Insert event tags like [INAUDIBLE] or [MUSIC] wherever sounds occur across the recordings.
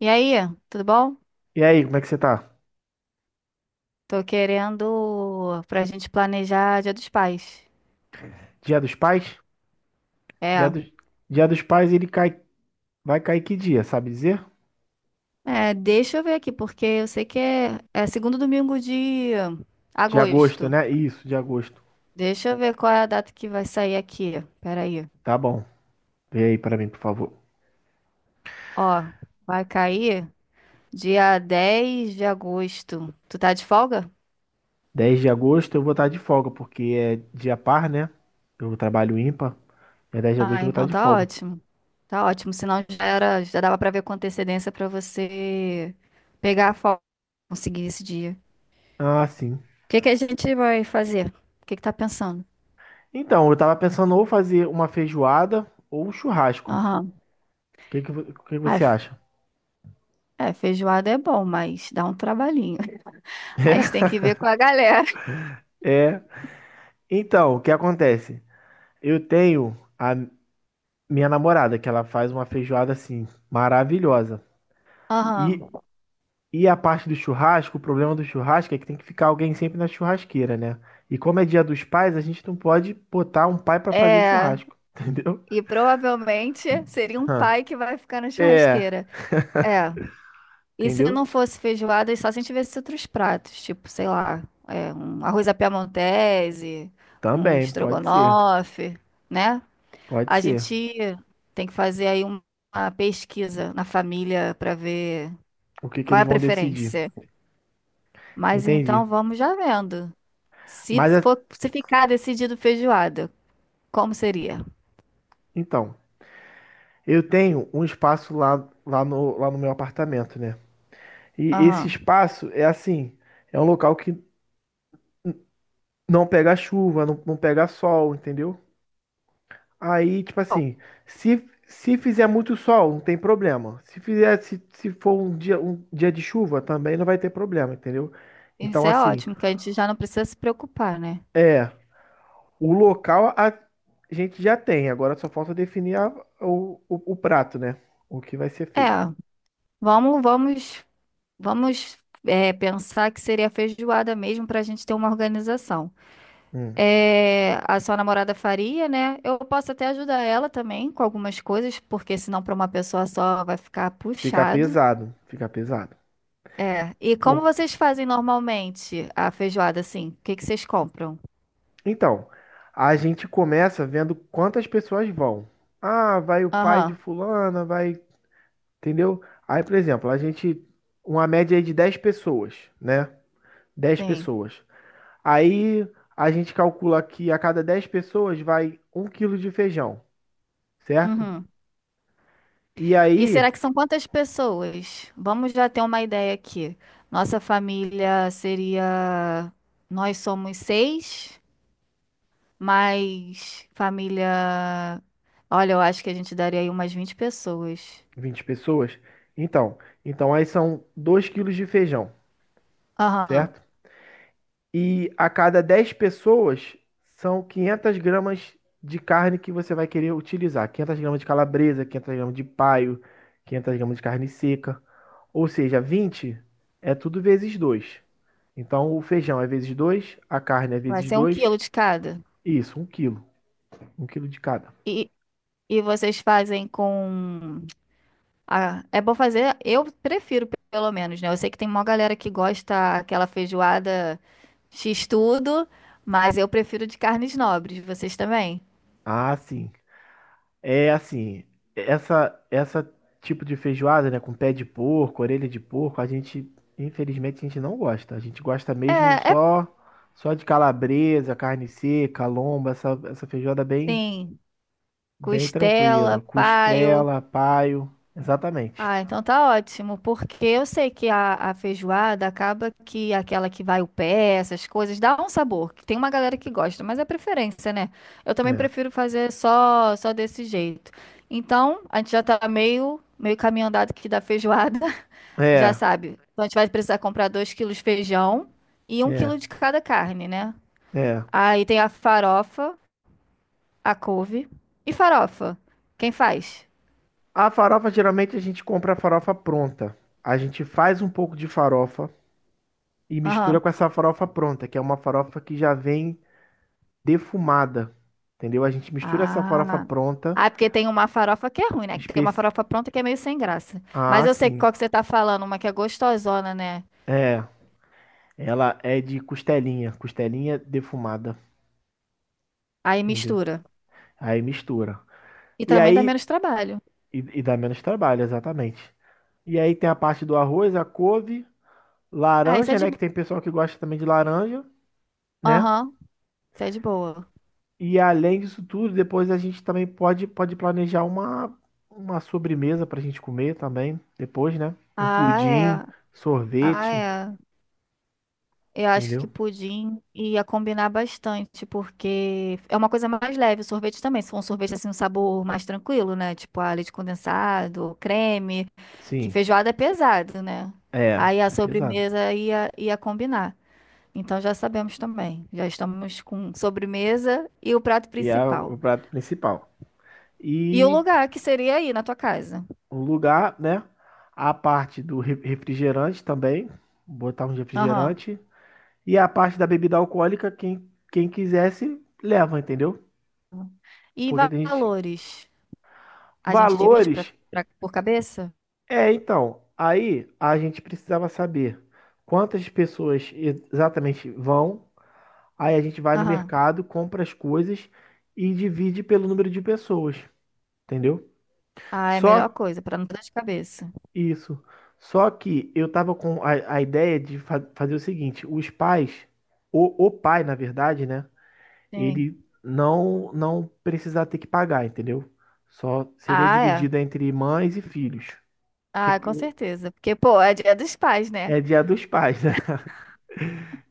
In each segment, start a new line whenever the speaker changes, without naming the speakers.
E aí, tudo bom?
E aí, como é que você tá?
Tô querendo pra gente planejar Dia dos Pais.
Dia dos Pais? Dia
É,
dos, dia dos Pais ele cai, vai cair que dia, sabe dizer?
Deixa eu ver aqui, porque eu sei que é segundo domingo de
De agosto,
agosto.
né? Isso, de agosto.
Deixa eu ver qual é a data que vai sair aqui. Pera aí.
Tá bom. Vê aí pra mim, por favor.
Ó, vai cair dia 10 de agosto. Tu tá de folga?
10 de agosto eu vou estar de folga, porque é dia par, né? Eu trabalho ímpar. É 10 de agosto
Ah,
eu vou estar
então
de
tá
folga.
ótimo. Tá ótimo, senão já era, já dava pra ver com antecedência pra você pegar a folga, conseguir esse dia.
Ah, sim.
O que que a gente vai fazer? O que que tá pensando?
Então, eu tava pensando ou fazer uma feijoada ou um churrasco. O
Aham.
que que, o que que
Ah,
você
f-
acha?
é, feijoada é bom, mas dá um trabalhinho. [LAUGHS] A gente tem
[LAUGHS]
que ver com a galera.
É. Então, o que acontece? Eu tenho a, minha namorada, que ela faz uma feijoada assim, maravilhosa.
Aham.
E, e a parte do churrasco, o problema do churrasco é que tem que ficar alguém sempre na churrasqueira, né? E como é dia dos pais, a gente não pode botar um pai pra fazer
É,
churrasco, [LAUGHS] entendeu?
e provavelmente seria um
Hã.
pai que vai ficar na
É,
churrasqueira. É. E se não
entendeu?
fosse feijoada, é só se a gente tivesse outros pratos, tipo, sei lá, é, um arroz à piamontese, um
Também, pode ser,
estrogonofe, né?
pode
A
ser.
gente tem que fazer aí uma pesquisa na família para ver.
O que que
Qual é
eles
a
vão decidir?
preferência? Mas
Entendi.
então vamos já vendo. Se
Mas
for, se ficar decidido feijoada, como seria?
então, eu tenho um espaço lá, lá no meu apartamento, né? E esse
Aham.
espaço é assim, é um local que não pegar chuva, não pegar sol, entendeu? Aí, tipo
Bom,
assim, se fizer muito sol, não tem problema. Se fizer, se for um dia de chuva, também não vai ter problema, entendeu?
isso
Então,
é
assim,
ótimo, que a gente já não precisa se preocupar, né?
é, o local a gente já tem, agora só falta definir o prato, né? O que vai ser feito.
É, vamos, vamos, vamos pensar que seria feijoada mesmo para a gente ter uma organização.
Hum,
É, a sua namorada faria, né? Eu posso até ajudar ela também com algumas coisas, porque senão para uma pessoa só vai ficar
fica
puxado.
pesado, fica pesado.
É. E como
Por...
vocês fazem normalmente a feijoada, assim? O que que vocês compram?
Então, a gente começa vendo quantas pessoas vão. Ah, vai o pai de
Aham,
fulana, vai. Entendeu? Aí, por exemplo, a gente. Uma média aí de 10 pessoas, né? Dez
sim.
pessoas. Aí a gente calcula que a cada 10 pessoas vai 1 quilo de feijão, certo?
Uhum.
E
E
aí,
será que são quantas pessoas? Vamos já ter uma ideia aqui. Nossa família seria. Nós somos seis, mas família. Olha, eu acho que a gente daria aí umas 20 pessoas.
20 pessoas. Então, então aí são 2 quilos de feijão,
Aham.
certo? E a cada 10 pessoas são 500 gramas de carne que você vai querer utilizar. 500 gramas de calabresa, 500 gramas de paio, 500 gramas de carne seca. Ou seja, 20 é tudo vezes dois. Então o feijão é vezes dois, a carne é
Vai
vezes
ser um
dois.
quilo de cada.
Isso, 1 quilo. 1 quilo de cada.
E, e vocês fazem com. Ah, é bom fazer, eu prefiro pelo menos, né? Eu sei que tem uma galera que gosta aquela feijoada X tudo, mas eu prefiro de carnes nobres, vocês também?
Ah, sim. É assim, essa tipo de feijoada, né, com pé de porco, orelha de porco, a gente, infelizmente, a gente não gosta. A gente gosta
É,
mesmo
é
só de calabresa, carne seca, lomba, essa feijoada bem
sim,
bem
costela,
tranquila,
paio.
costela, paio, exatamente.
Ah, então tá ótimo, porque eu sei que a feijoada acaba que aquela que vai o pé, essas coisas, dá um sabor. Que tem uma galera que gosta, mas é preferência, né? Eu também
É.
prefiro fazer só desse jeito. Então, a gente já tá meio caminho andado aqui da feijoada, [LAUGHS] já
É,
sabe. Então, a gente vai precisar comprar 2 quilos de feijão e um
é,
quilo de cada carne, né?
é.
Aí tem a farofa, a couve e farofa. Quem faz?
A farofa, geralmente a gente compra a farofa pronta. A gente faz um pouco de farofa e mistura
Aham.
com essa farofa pronta, que é uma farofa que já vem defumada, entendeu? A gente mistura essa farofa
Ah.
pronta.
Ah, é porque tem uma farofa que é ruim, né? Tem uma
Especi...
farofa pronta que é meio sem graça. Mas
Ah,
eu sei
sim.
qual que você tá falando, uma que é gostosona, né?
É, ela é de costelinha defumada,
Aí
entendeu?
mistura.
Aí mistura.
E
E
também dá
aí,
menos trabalho.
e dá menos trabalho, exatamente. E aí tem a parte do arroz, a couve,
Ah, isso é
laranja,
de
né? Que
boa.
tem pessoal que gosta também de laranja, né?
Aham, isso é de boa.
E além disso tudo, depois a gente também pode planejar uma sobremesa pra gente comer também, depois, né? Um
Ah, é.
pudim,
Ah,
sorvete,
é. Eu acho que
entendeu?
pudim ia combinar bastante, porque é uma coisa mais leve, o sorvete também. Se for um sorvete assim, um sabor mais tranquilo, né? Tipo a leite condensado, creme, que
Sim,
feijoada é pesado, né?
é,
Aí a
é pesado.
sobremesa ia combinar. Então já sabemos também. Já estamos com sobremesa e o prato
E é o
principal.
prato principal.
E o
E
lugar que seria aí na tua casa.
o lugar, né? A parte do refrigerante também, botar um
Aham.
refrigerante. E a parte da bebida alcoólica, quem quisesse, leva, entendeu?
E
Porque tem gente.
valores? A gente divide
Valores.
por cabeça?
É, então, aí a gente precisava saber quantas pessoas exatamente vão. Aí a gente vai no
Aham.
mercado, compra as coisas e divide pelo número de pessoas, entendeu?
Ah, é a
Só
melhor coisa, pra não dar dor de cabeça.
isso. Só que eu tava com a ideia de fazer o seguinte: os pais, o pai, na verdade, né?
Sim.
Ele não precisar ter que pagar, entendeu? Só seria
Ah, é.
dividida entre mães e filhos. Que,
Ah,
que-
com certeza. Porque, pô, é dia dos pais, né?
É dia dos pais, né?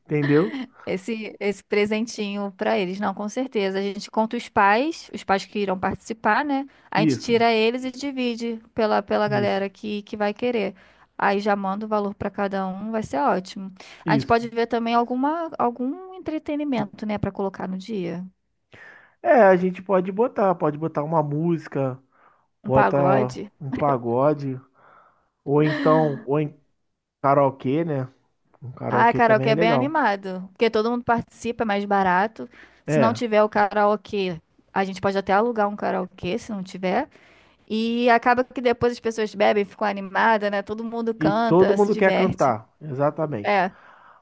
[LAUGHS] Entendeu?
Esse presentinho pra eles. Não, com certeza. A gente conta os pais que irão participar, né? A gente
Isso.
tira eles e divide pela
Isso,
galera que vai querer. Aí já manda o valor pra cada um, vai ser ótimo. A gente
isso.
pode ver também algum entretenimento, né, pra colocar no dia.
É, a gente pode botar uma música,
Um
bota
pagode.
um pagode, ou então, ou em karaokê, né? Um
Ah,
karaokê também
karaokê
é
é bem
legal.
animado, porque todo mundo participa, é mais barato. Se não
É,
tiver o karaokê, a gente pode até alugar um karaokê, se não tiver. E acaba que depois as pessoas bebem, ficam animadas, né? Todo mundo
e todo
canta, se
mundo quer
diverte.
cantar, exatamente.
É,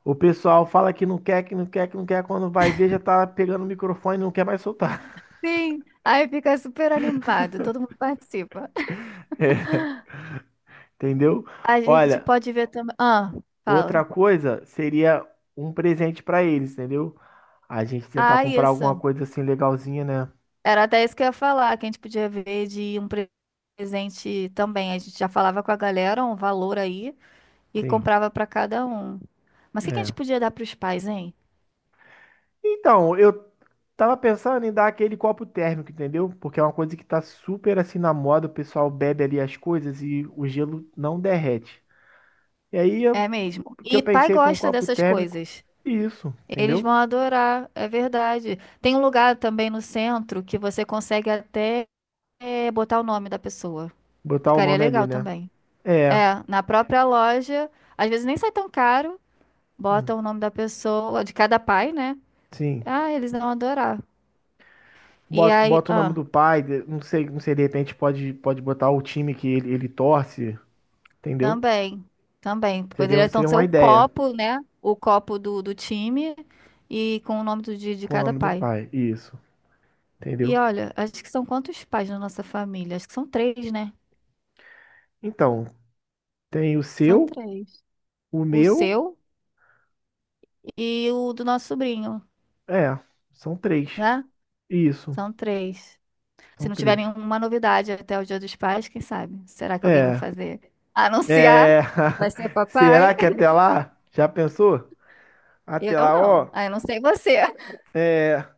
O pessoal fala que não quer, que não quer, que não quer, quando vai ver já tá pegando o microfone e não quer mais soltar.
sim. Aí fica super animado, todo mundo participa.
[LAUGHS] Entendeu?
A gente
Olha,
pode ver também. Ah, fala.
outra coisa seria um presente pra eles, entendeu? A gente tentar
Ah,
comprar
isso.
alguma coisa assim legalzinha, né?
Era até isso que eu ia falar, que a gente podia ver de um presente também. A gente já falava com a galera um valor aí. E
Sim,
comprava para cada um. Mas o que que a gente
é.
podia dar para os pais, hein?
Então, eu tava pensando em dar aquele copo térmico, entendeu? Porque é uma coisa que tá super assim na moda, o pessoal bebe ali as coisas e o gelo não derrete. E aí
É mesmo.
o que eu
E pai
pensei foi um
gosta
copo
dessas
térmico
coisas.
e isso,
Eles vão
entendeu?
adorar, é verdade. Tem um lugar também no centro que você consegue até botar o nome da pessoa.
Botar o
Ficaria
nome ali,
legal
né?
também.
É,
É, na própria loja, às vezes nem sai tão caro,
hum,
bota o nome da pessoa, de cada pai, né?
sim.
Ah, eles vão adorar. E
Bota,
aí,
bota o nome
ah.
do pai, não sei, não sei, de repente pode botar o time que ele torce, entendeu?
Também, também. Poderia
Seria,
então
seria
ser
uma
o
ideia
copo, né? O copo do time e com o nome de
com o
cada
nome do
pai.
pai, isso,
E
entendeu?
olha, acho que são quantos pais na nossa família? Acho que são três, né?
Então, tem o
São
seu,
três.
o
O
meu,
seu e o do nosso sobrinho,
é, são três.
né?
Isso.
São três. Se
São
não tiver
três.
nenhuma novidade até o Dia dos Pais, quem sabe? Será que alguém vai
É.
fazer? Anunciar
É.
que vai ser
[LAUGHS]
papai?
Será que até lá? Já pensou? Até
Eu
lá,
não.
ó.
Ah, eu não sei você.
É.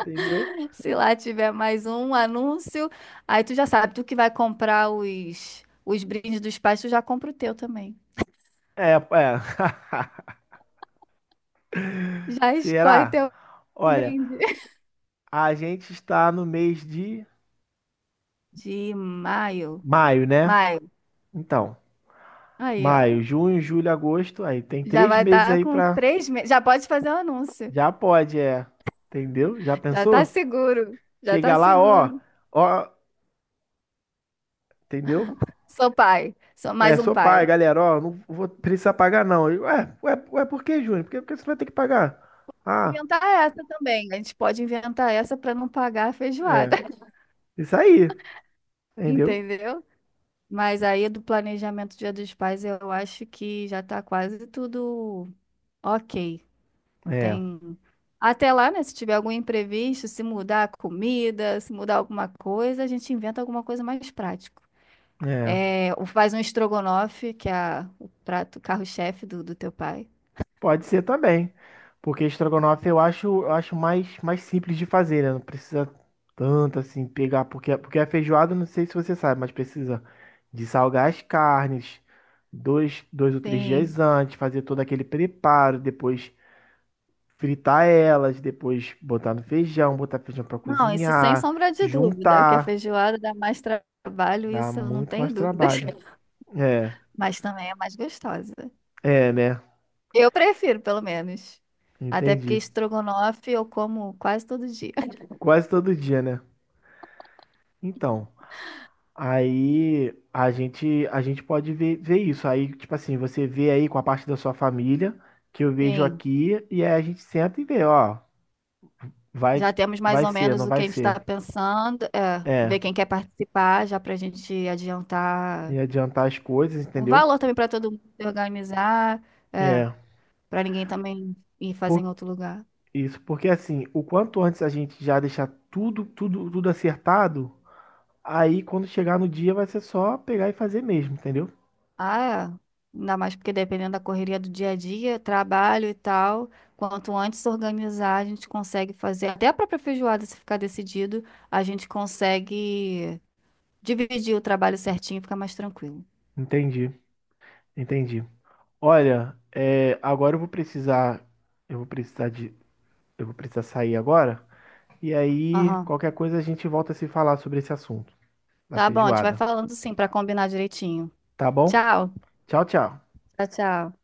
Entendeu?
[LAUGHS] Se lá tiver mais um anúncio, aí tu já sabe, tu que vai comprar os brindes dos pais, tu já compra o teu também.
É, é. [LAUGHS]
Já escolhe
Será?
teu [LAUGHS]
Olha,
brinde.
a gente está no mês de
De maio.
maio, né?
Maio.
Então,
Aí, ó.
maio, junho, julho, agosto. Aí tem
Já
três
vai
meses
estar
aí
com
pra.
3 meses. Já pode fazer o anúncio.
Já pode, é. Entendeu? Já
Já tá
pensou?
seguro. Já tá
Chega lá, ó.
seguro.
Ó. Entendeu?
Sou pai. Sou mais
É,
um
sou pai,
pai.
galera, ó, não vou precisar pagar não. Eu, ué, ué, ué, por que, Júnior? Por que você vai ter que pagar? Ah,
Inventar essa também. A gente pode inventar essa para não pagar a
é,
feijoada. [LAUGHS]
isso aí, entendeu?
Entendeu? Mas aí do planejamento Dia dos Pais, eu acho que já tá quase tudo ok. Não
É,
tem. Até lá, né? Se tiver algum imprevisto, se mudar a comida, se mudar alguma coisa, a gente inventa alguma coisa mais prática.
é,
É, ou faz um estrogonofe, que é o prato carro-chefe do teu pai.
pode ser também, porque estrogonofe eu acho mais simples de fazer, né? Não precisa tanto assim pegar, porque a feijoada, não sei se você sabe, mas precisa de salgar as carnes dois ou três
Sim.
dias antes, fazer todo aquele preparo, depois fritar elas, depois botar no feijão, botar feijão pra
Não, isso sem
cozinhar,
sombra de dúvida, que a
juntar.
feijoada dá mais trabalho,
Dá
isso eu não
muito
tenho
mais
dúvidas.
trabalho.
[LAUGHS]
É,
Mas também é mais gostosa.
é, né?
Eu prefiro, pelo menos. Até porque
Entendi.
estrogonofe eu como quase todo dia. [LAUGHS]
Quase todo dia, né? Então, aí a gente pode ver isso. Aí, tipo assim, você vê aí com a parte da sua família, que eu vejo
Sim,
aqui, e aí a gente senta e vê, ó, vai
já temos mais
vai
ou
ser,
menos
não
o que
vai
a gente está
ser.
pensando. É,
É,
ver quem quer participar, já para a gente adiantar
e adiantar as coisas,
o
entendeu?
valor também para todo mundo se organizar, é,
É.
para ninguém também ir fazer
Por-
em outro lugar.
Isso, porque assim, o quanto antes a gente já deixar tudo, tudo, tudo acertado, aí quando chegar no dia vai ser só pegar e fazer mesmo, entendeu?
Ah, é. Ainda mais porque dependendo da correria do dia a dia, trabalho e tal, quanto antes se organizar, a gente consegue fazer. Até a própria feijoada, se ficar decidido, a gente consegue. Dividir o trabalho certinho fica mais tranquilo.
Entendi, entendi. Olha, é, agora eu vou precisar de, eu vou precisar sair agora. E aí,
Aham.
qualquer coisa a gente volta a se falar sobre esse assunto da
Tá bom, a gente vai
feijoada,
falando sim pra combinar direitinho.
tá bom?
Tchau.
Tchau, tchau.
Tchau, tchau.